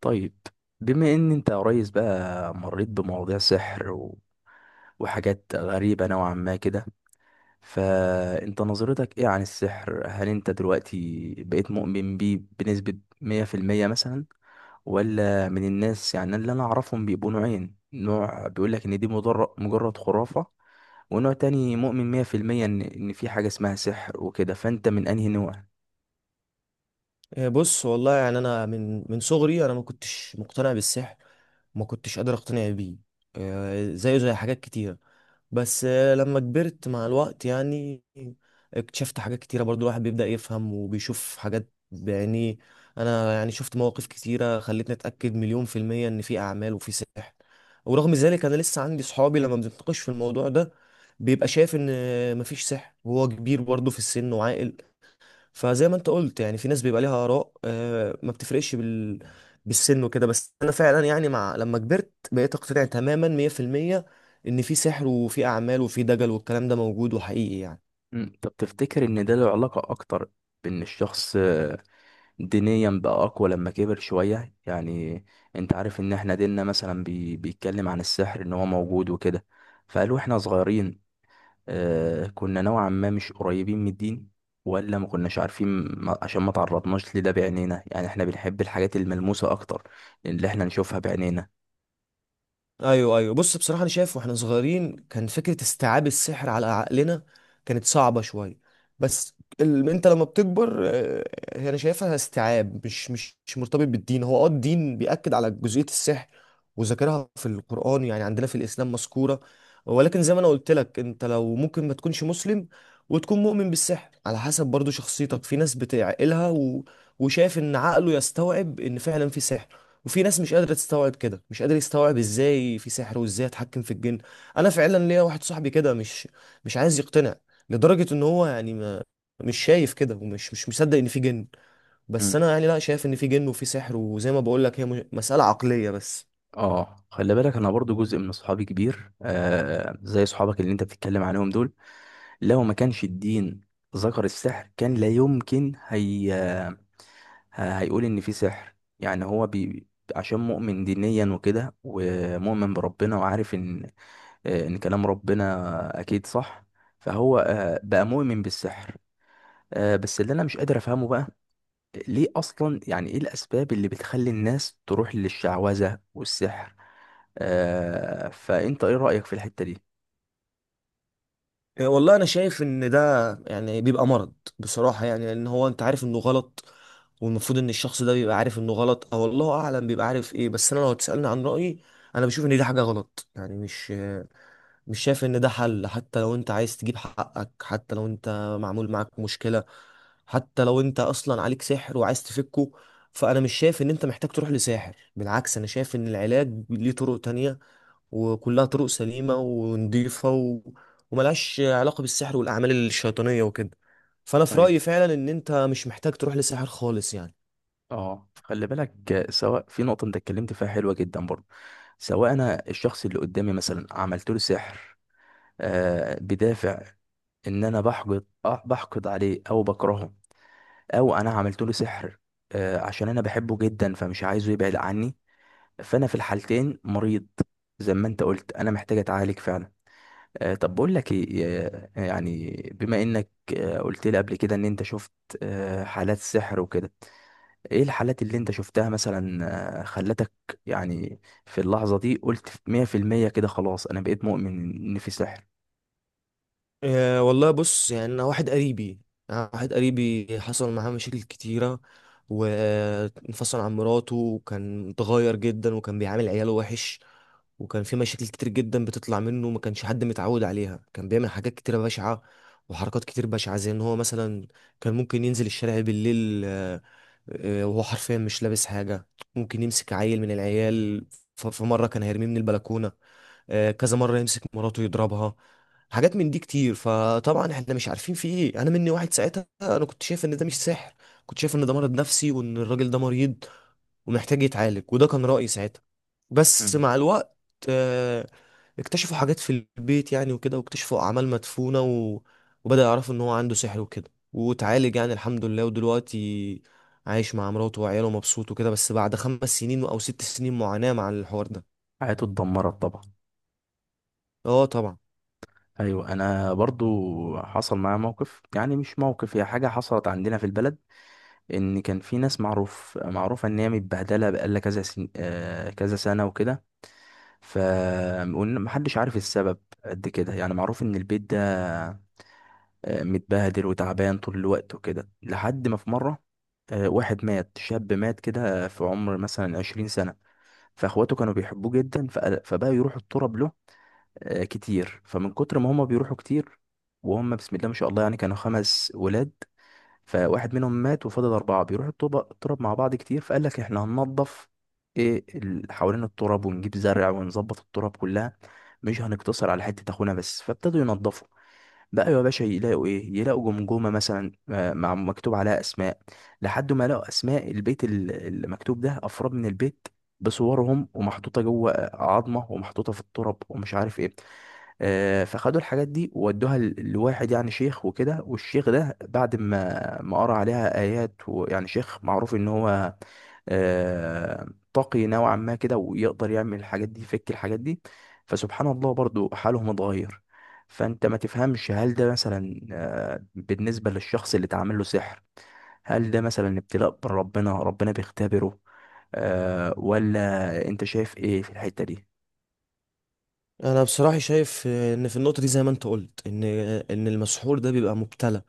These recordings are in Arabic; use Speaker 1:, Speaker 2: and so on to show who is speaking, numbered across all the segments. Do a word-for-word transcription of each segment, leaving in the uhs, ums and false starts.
Speaker 1: طيب، بما ان انت يا ريس بقى مريت بمواضيع سحر و... وحاجات غريبة نوعا ما كده. فانت نظرتك ايه عن السحر؟ هل انت دلوقتي بقيت مؤمن بيه بنسبة ميه في الميه مثلا، ولا من الناس، يعني؟ اللي انا اعرفهم بيبقوا نوعين: نوع بيقولك ان دي مجرد مجرد خرافة، ونوع تاني مؤمن ميه في الميه ان ان في حاجة اسمها سحر وكده. فانت من انهي نوع؟
Speaker 2: إيه، بص والله يعني انا من من صغري، انا ما كنتش مقتنع بالسحر. ما كنتش قادر اقتنع بيه. إيه زيه زي حاجات كتير. بس آه، لما كبرت مع الوقت يعني اكتشفت حاجات كتيرة، برضو الواحد بيبدأ يفهم وبيشوف حاجات بعينيه. انا يعني شفت مواقف كتيرة خلتني اتأكد مليون في المية ان في اعمال وفي سحر. ورغم ذلك انا لسه عندي صحابي، لما بنتناقش في الموضوع ده بيبقى شايف ان مفيش سحر، وهو كبير برضه في السن وعاقل. فزي ما انت قلت، يعني في ناس بيبقى ليها اراء، آه، ما بتفرقش بال... بالسن وكده. بس انا فعلا يعني مع لما كبرت بقيت اقتنع تماما مية في المية ان في سحر وفي اعمال وفي دجل، والكلام ده موجود وحقيقي يعني.
Speaker 1: مم. طب تفتكر ان ده له علاقة اكتر بان الشخص دينيا بقى أقوى لما كبر شوية يعني؟ أنت عارف إن إحنا ديننا مثلا بي... بيتكلم عن السحر إن هو موجود وكده. فقالوا إحنا صغيرين، آه، كنا نوعا ما مش قريبين من الدين ولا ما كناش عارفين. ما... عشان ما تعرضناش لده بعينينا، يعني إحنا بنحب الحاجات الملموسة أكتر، اللي إحنا نشوفها بعينينا.
Speaker 2: ايوه، ايوه، بص بصراحه انا شايف واحنا صغيرين كان فكره استيعاب السحر على عقلنا كانت صعبه شويه. بس ال... انت لما بتكبر، آه، هي انا شايفها استيعاب مش مش مش مرتبط بالدين. هو اه الدين بيأكد على جزئيه السحر وذاكرها في القرآن، يعني عندنا في الاسلام مذكوره. ولكن زي ما انا قلت لك، انت لو ممكن ما تكونش مسلم وتكون مؤمن بالسحر، على حسب برضو شخصيتك. في ناس بتعقلها و... وشايف ان عقله يستوعب ان فعلا في سحر، وفي ناس مش قادرة تستوعب كده، مش قادر يستوعب ازاي في سحر وازاي اتحكم في الجن. انا فعلا ليا واحد صاحبي كده مش مش عايز يقتنع، لدرجة ان هو يعني ما مش شايف كده، ومش مش مصدق ان في جن. بس
Speaker 1: مم.
Speaker 2: انا يعني لا شايف ان في جن وفي سحر، وزي ما بقول لك هي م- مسألة عقلية بس.
Speaker 1: اه، خلي بالك انا برضو جزء من صحابي كبير، آه، زي صحابك اللي انت بتتكلم عليهم دول، لو ما كانش الدين ذكر السحر كان لا يمكن هي ه- هيقول ان في سحر. يعني هو بي عشان مؤمن دينيا وكده ومؤمن بربنا وعارف ان، آه، ان كلام ربنا اكيد صح. فهو آه، بقى مؤمن بالسحر. آه، بس اللي انا مش قادر افهمه بقى ليه اصلا، يعني ايه الاسباب اللي بتخلي الناس تروح للشعوذة والسحر؟ آه، فانت ايه رأيك في الحتة دي؟
Speaker 2: آه، والله انا شايف ان ده يعني بيبقى مرض، بصراحه يعني لان هو انت عارف انه غلط، والمفروض ان الشخص ده بيبقى عارف انه غلط او الله اعلم بيبقى عارف ايه. بس انا لو تسالني عن رايي، انا بشوف ان دي حاجه غلط، يعني مش مش شايف ان ده حل. حتى لو انت عايز تجيب حقك، حتى لو انت معمول معاك مشكله، حتى لو انت اصلا عليك سحر وعايز تفكه، فانا مش شايف ان انت محتاج تروح لساحر. بالعكس انا شايف ان العلاج ليه طرق تانية، وكلها طرق سليمة ونضيفة و... وملهاش علاقة بالسحر والأعمال الشيطانية وكده. فأنا في
Speaker 1: ايوه.
Speaker 2: رأيي فعلا إن أنت مش محتاج تروح لساحر خالص يعني.
Speaker 1: اه، خلي بالك آه، سواء في نقطة انت اتكلمت فيها حلوة جدا برضه، سواء انا الشخص اللي قدامي مثلا عملت له سحر آه، بدافع ان انا بحقد، آه، بحقد عليه او بكرهه، او انا عملت له سحر آه، عشان انا بحبه جدا فمش عايزه يبعد عني. فانا في الحالتين مريض، زي ما انت قلت انا محتاج اتعالج فعلا. آه، طب بقول لك ايه، آه، يعني بما انك آه، قلت لي قبل كده ان انت شفت آه، حالات سحر وكده، ايه الحالات اللي انت شفتها مثلا آه، خلتك يعني في اللحظة دي قلت ميه في الميه كده خلاص انا بقيت مؤمن ان في سحر؟
Speaker 2: أه والله بص، يعني أنا واحد قريبي أنا واحد قريبي حصل معاه مشاكل كتيرة، وانفصل عن مراته، وكان متغير جدا، وكان بيعامل عياله وحش. وكان في مشاكل كتير جدا بتطلع منه ما كانش حد متعود عليها، كان بيعمل حاجات كتيرة بشعة وحركات كتير بشعة. زي ان هو مثلا كان ممكن ينزل الشارع بالليل، آه، آه، وهو حرفيا مش لابس حاجة. ممكن يمسك عيل من العيال، ف- في مرة كان هيرميه من البلكونة، آه، كذا مرة يمسك مراته يضربها. حاجات من دي كتير. فطبعا احنا مش عارفين في ايه، انا مني واحد ساعتها انا كنت شايف ان ده مش سحر، كنت شايف ان ده مرض نفسي وان الراجل ده مريض ومحتاج يتعالج، وده كان رأيي ساعتها. بس
Speaker 1: مم.
Speaker 2: مع الوقت آه، اكتشفوا حاجات في البيت يعني وكده، واكتشفوا اعمال مدفونة و... وبدأ يعرفوا ان هو عنده سحر وكده، وتعالج يعني الحمد لله. ودلوقتي عايش مع مراته وعياله مبسوط وكده، بس بعد خمس سنين او ست سنين معاناة مع الحوار ده.
Speaker 1: حياته اتدمرت طبعا.
Speaker 2: اه طبعا.
Speaker 1: ايوه انا برضو حصل معايا موقف، يعني مش موقف، هي حاجه حصلت عندنا في البلد. ان كان في ناس معروف، معروفه ان هي متبهدله بقالها كذا سن... آه كذا سنه وكده. ف وإن محدش عارف السبب قد كده. يعني معروف ان البيت ده آه، متبهدل وتعبان طول الوقت وكده، لحد ما في مره آه، واحد مات، شاب مات كده في عمر مثلا عشرين سنه. فاخواته كانوا بيحبوه جدا، فقال- فبقى يروحوا التراب له آه، كتير. فمن كتر ما هما بيروحوا كتير، وهم بسم الله ما شاء الله يعني كانوا خمس ولاد، فواحد منهم مات وفضل أربعة بيروحوا الطوبة التراب مع بعض كتير. فقال لك احنا هننظف ايه، ال- حوالين التراب ونجيب زرع ونظبط التراب كلها، مش هنقتصر على حتة اخونا بس. فابتدوا ينظفوا. بقى يا باشا يلاقوا ايه؟ يلاقوا جمجمة مثلا آه، مع مكتوب عليها اسماء. لحد ما لقوا اسماء البيت، ال- المكتوب ده افراد من البيت بصورهم، ومحطوطة جوه عظمة ومحطوطة في التراب ومش عارف ايه. آه، فخدوا الحاجات دي وودوها ل- لواحد، يعني شيخ وكده. والشيخ ده بعد ما ما قرأ عليها آيات، ويعني شيخ معروف إن هو آه، تقي نوعا ما كده، ويقدر يعمل الحاجات دي، يفك الحاجات دي. فسبحان الله برضو حالهم اتغير. فأنت ما تفهمش، هل ده مثلا آه، بالنسبة للشخص اللي اتعمل له سحر، هل ده مثلا ابتلاء من ربنا، ربنا بيختبره، آه، ولا أنت شايف إيه في الحتة دي؟
Speaker 2: انا بصراحه شايف ان في النقطه دي زي ما انت قلت، ان ان المسحور ده بيبقى مبتلى،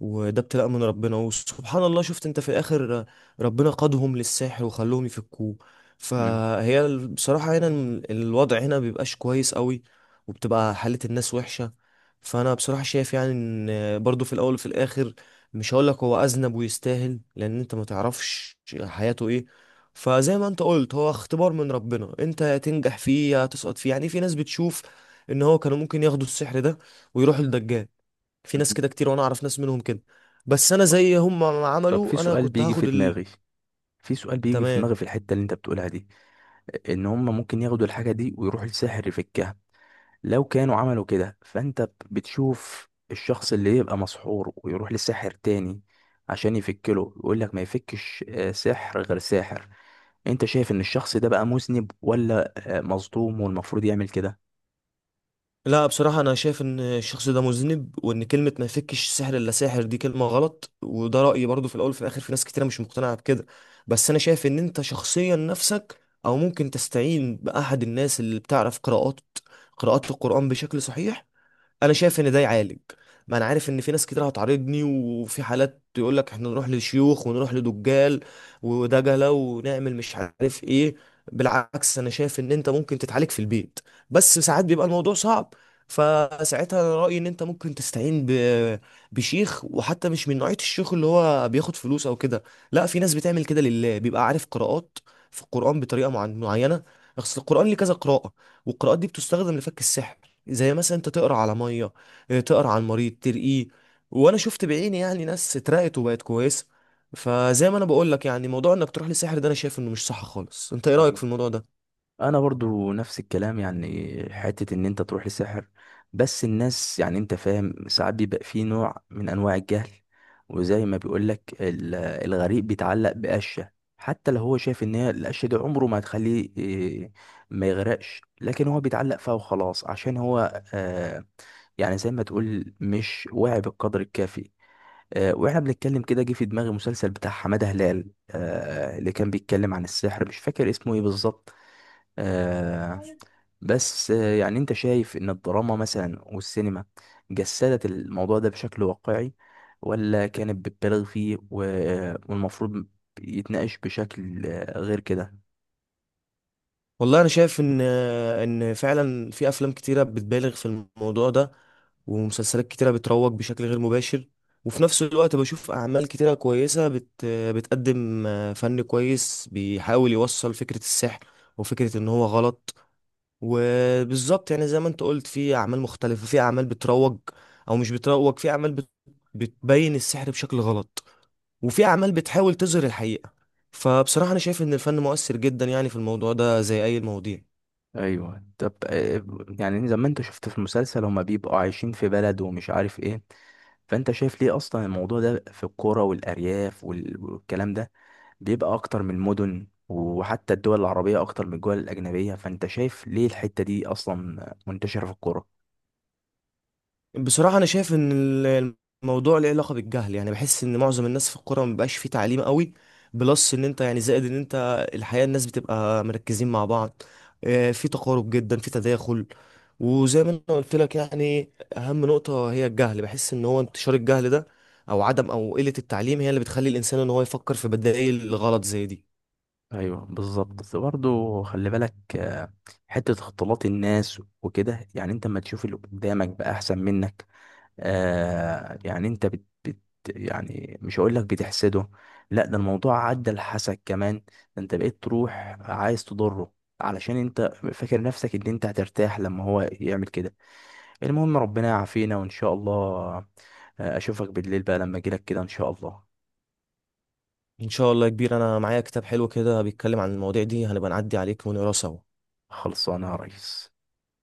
Speaker 2: وده ابتلاء من ربنا. وسبحان الله شفت انت في الاخر ربنا قادهم للساحر وخلوهم يفكوه.
Speaker 1: مم.
Speaker 2: فهي ال- بصراحة هنا ال- الوضع هنا بيبقاش كويس قوي، وبتبقى حالة الناس وحشة. فانا بصراحة شايف يعني ان برضو في الاول وفي الاخر، مش هقولك هو اذنب ويستاهل، لان انت ما تعرفش حياته ايه. فزي ما انت قلت هو اختبار من ربنا، انت يا تنجح فيه يا تسقط فيه. يعني في ناس بتشوف ان هو كانوا ممكن ياخدوا السحر ده ويروحوا للدجال، في ناس كده كتير وانا اعرف ناس منهم كده. بس انا زي هم ما
Speaker 1: طب في
Speaker 2: عملوا انا
Speaker 1: سؤال
Speaker 2: كنت
Speaker 1: بيجي في
Speaker 2: هاخد ال...
Speaker 1: دماغي، في سؤال بيجي في
Speaker 2: تمام.
Speaker 1: دماغي في الحتة اللي انت بتقولها دي، ان هم ممكن ياخدوا الحاجة دي ويروحوا لساحر يفكها. لو كانوا عملوا كده فانت ب- بتشوف الشخص اللي يبقى مسحور ويروح لساحر تاني عشان يفكله، يقول لك ما يفكش آه، سحر غير ساحر، انت شايف ان الشخص ده بقى مذنب، ولا آه، مظلوم والمفروض يعمل كده؟
Speaker 2: لا بصراحة أنا شايف إن الشخص ده مذنب، وإن كلمة ما يفكش سحر إلا ساحر دي كلمة غلط. وده رأيي برضو، في الأول وفي الآخر في ناس كتيرة مش مقتنعة بكده. بس أنا شايف إن أنت شخصيا نفسك، أو ممكن تستعين بأحد الناس اللي بتعرف قراءات، قراءات القرآن بشكل صحيح. انا شايف ان ده يعالج، ما انا عارف ان في ناس كتير هتعارضني وفي حالات تقول لك احنا نروح لشيوخ ونروح لدجال ودجله ونعمل مش عارف ايه. بالعكس انا شايف ان انت ممكن تتعالج في البيت، بس ساعات بيبقى الموضوع صعب. فساعتها انا رايي ان انت ممكن تستعين ب... بشيخ، وحتى مش من نوعيه الشيوخ اللي هو بياخد فلوس او كده، لا في ناس بتعمل كده لله، بيبقى عارف قراءات في القران بطريقه معن- معينه. اصل القران ليه كذا قراءه، والقراءات دي بتستخدم لفك السحر. زي مثلا انت تقرا على ميه، اه، تقرا على المريض ترقيه. وانا شفت بعيني يعني ناس اترقت وبقت كويسه. فزي ما انا بقول لك يعني موضوع انك تروح لساحر ده انا شايف انه مش صح خالص. انت ايه رايك
Speaker 1: أيوة.
Speaker 2: في الموضوع ده؟
Speaker 1: انا برضو نفس الكلام، يعني حتة ان انت تروح لساحر. بس الناس يعني انت فاهم، ساعات بيبقى فيه نوع من انواع الجهل، وزي ما بيقولك ال- الغريب بيتعلق بقشة. حتى لو هو شايف ان هي القشة دي عمره ما هتخليه إيه، ما يغرقش، لكن هو بيتعلق فيها وخلاص. عشان هو آه، يعني زي ما تقول مش واعي بالقدر الكافي. آه، واحنا بنتكلم كده جه في دماغي مسلسل بتاع حمادة هلال آه، اللي كان بيتكلم عن السحر، مش فاكر اسمه ايه بالظبط. آه بس آه يعني انت شايف ان الدراما مثلا والسينما جسدت الموضوع ده بشكل واقعي، ولا كانت بتبالغ فيه و- آه، والمفروض يتناقش بشكل آه، غير كده؟
Speaker 2: والله انا شايف ان اه، ان فعلا في افلام كتيره بتبالغ في الموضوع ده، ومسلسلات كتيره بتروج بشكل غير مباشر. وفي نفس الوقت بشوف اعمال كتيره كويسه بت بتقدم اه، فن كويس بيحاول يوصل فكره السحر وفكره ان هو غلط. وبالظبط يعني زي ما انت قلت في اعمال مختلفة، في اعمال بتروج او مش بتروج، في اعمال بت- بتبين السحر بشكل غلط، وفي اعمال بتحاول تظهر الحقيقة. فبصراحة انا شايف ان الفن مؤثر جدا يعني في الموضوع ده زي اي المواضيع.
Speaker 1: ايوه. طب آه يعني زي ما انت شفت في المسلسل هما بيبقوا عايشين في بلد ومش عارف ايه، فانت شايف ليه اصلا الموضوع ده في الكوره والارياف وال- والكلام ده بيبقى اكتر من المدن، وحتى الدول العربيه اكتر من الدول الاجنبيه؟ فانت شايف ليه الحته دي اصلا منتشره في الكوره؟
Speaker 2: بصراحة أنا شايف إن ال- الموضوع له علاقة بالجهل، يعني بحس إن معظم الناس في الكورة مبقاش فيه تعليم قوي. بلس إن أنت يعني زائد إن أنت الحقيقة الناس بتبقى مركزين مع بعض، آه، في تقارب جدا، في تداخل. وزي ما أنا قلت لك يعني أهم نقطة هي الجهل، بحس إن هو انتشار الجهل ده أو عدم أو قلة التعليم هي اللي بتخلي الإنسان إن هو يفكر في بدائل غلط زي دي.
Speaker 1: ايوه بالظبط. بس برضه خلي بالك آه، حته اختلاط الناس وكده، يعني انت لما تشوف اللي قدامك بقى احسن منك آه يعني انت بت بت يعني مش هقول لك بتحسده، لا، ده الموضوع عدى الحسد كمان، ده انت بقيت تروح عايز تضره علشان انت فاكر نفسك ان انت هترتاح لما هو يعمل كده. المهم ربنا يعافينا، وان شاء الله آه، اشوفك بالليل بقى لما اجيلك كده ان شاء الله.
Speaker 2: إن شاء الله يا كبير، أنا معايا كتاب حلو كده بيتكلم عن المواضيع دي، هنبقى نعدي عليك ونقراه سوا.
Speaker 1: خلصانه يا ريس.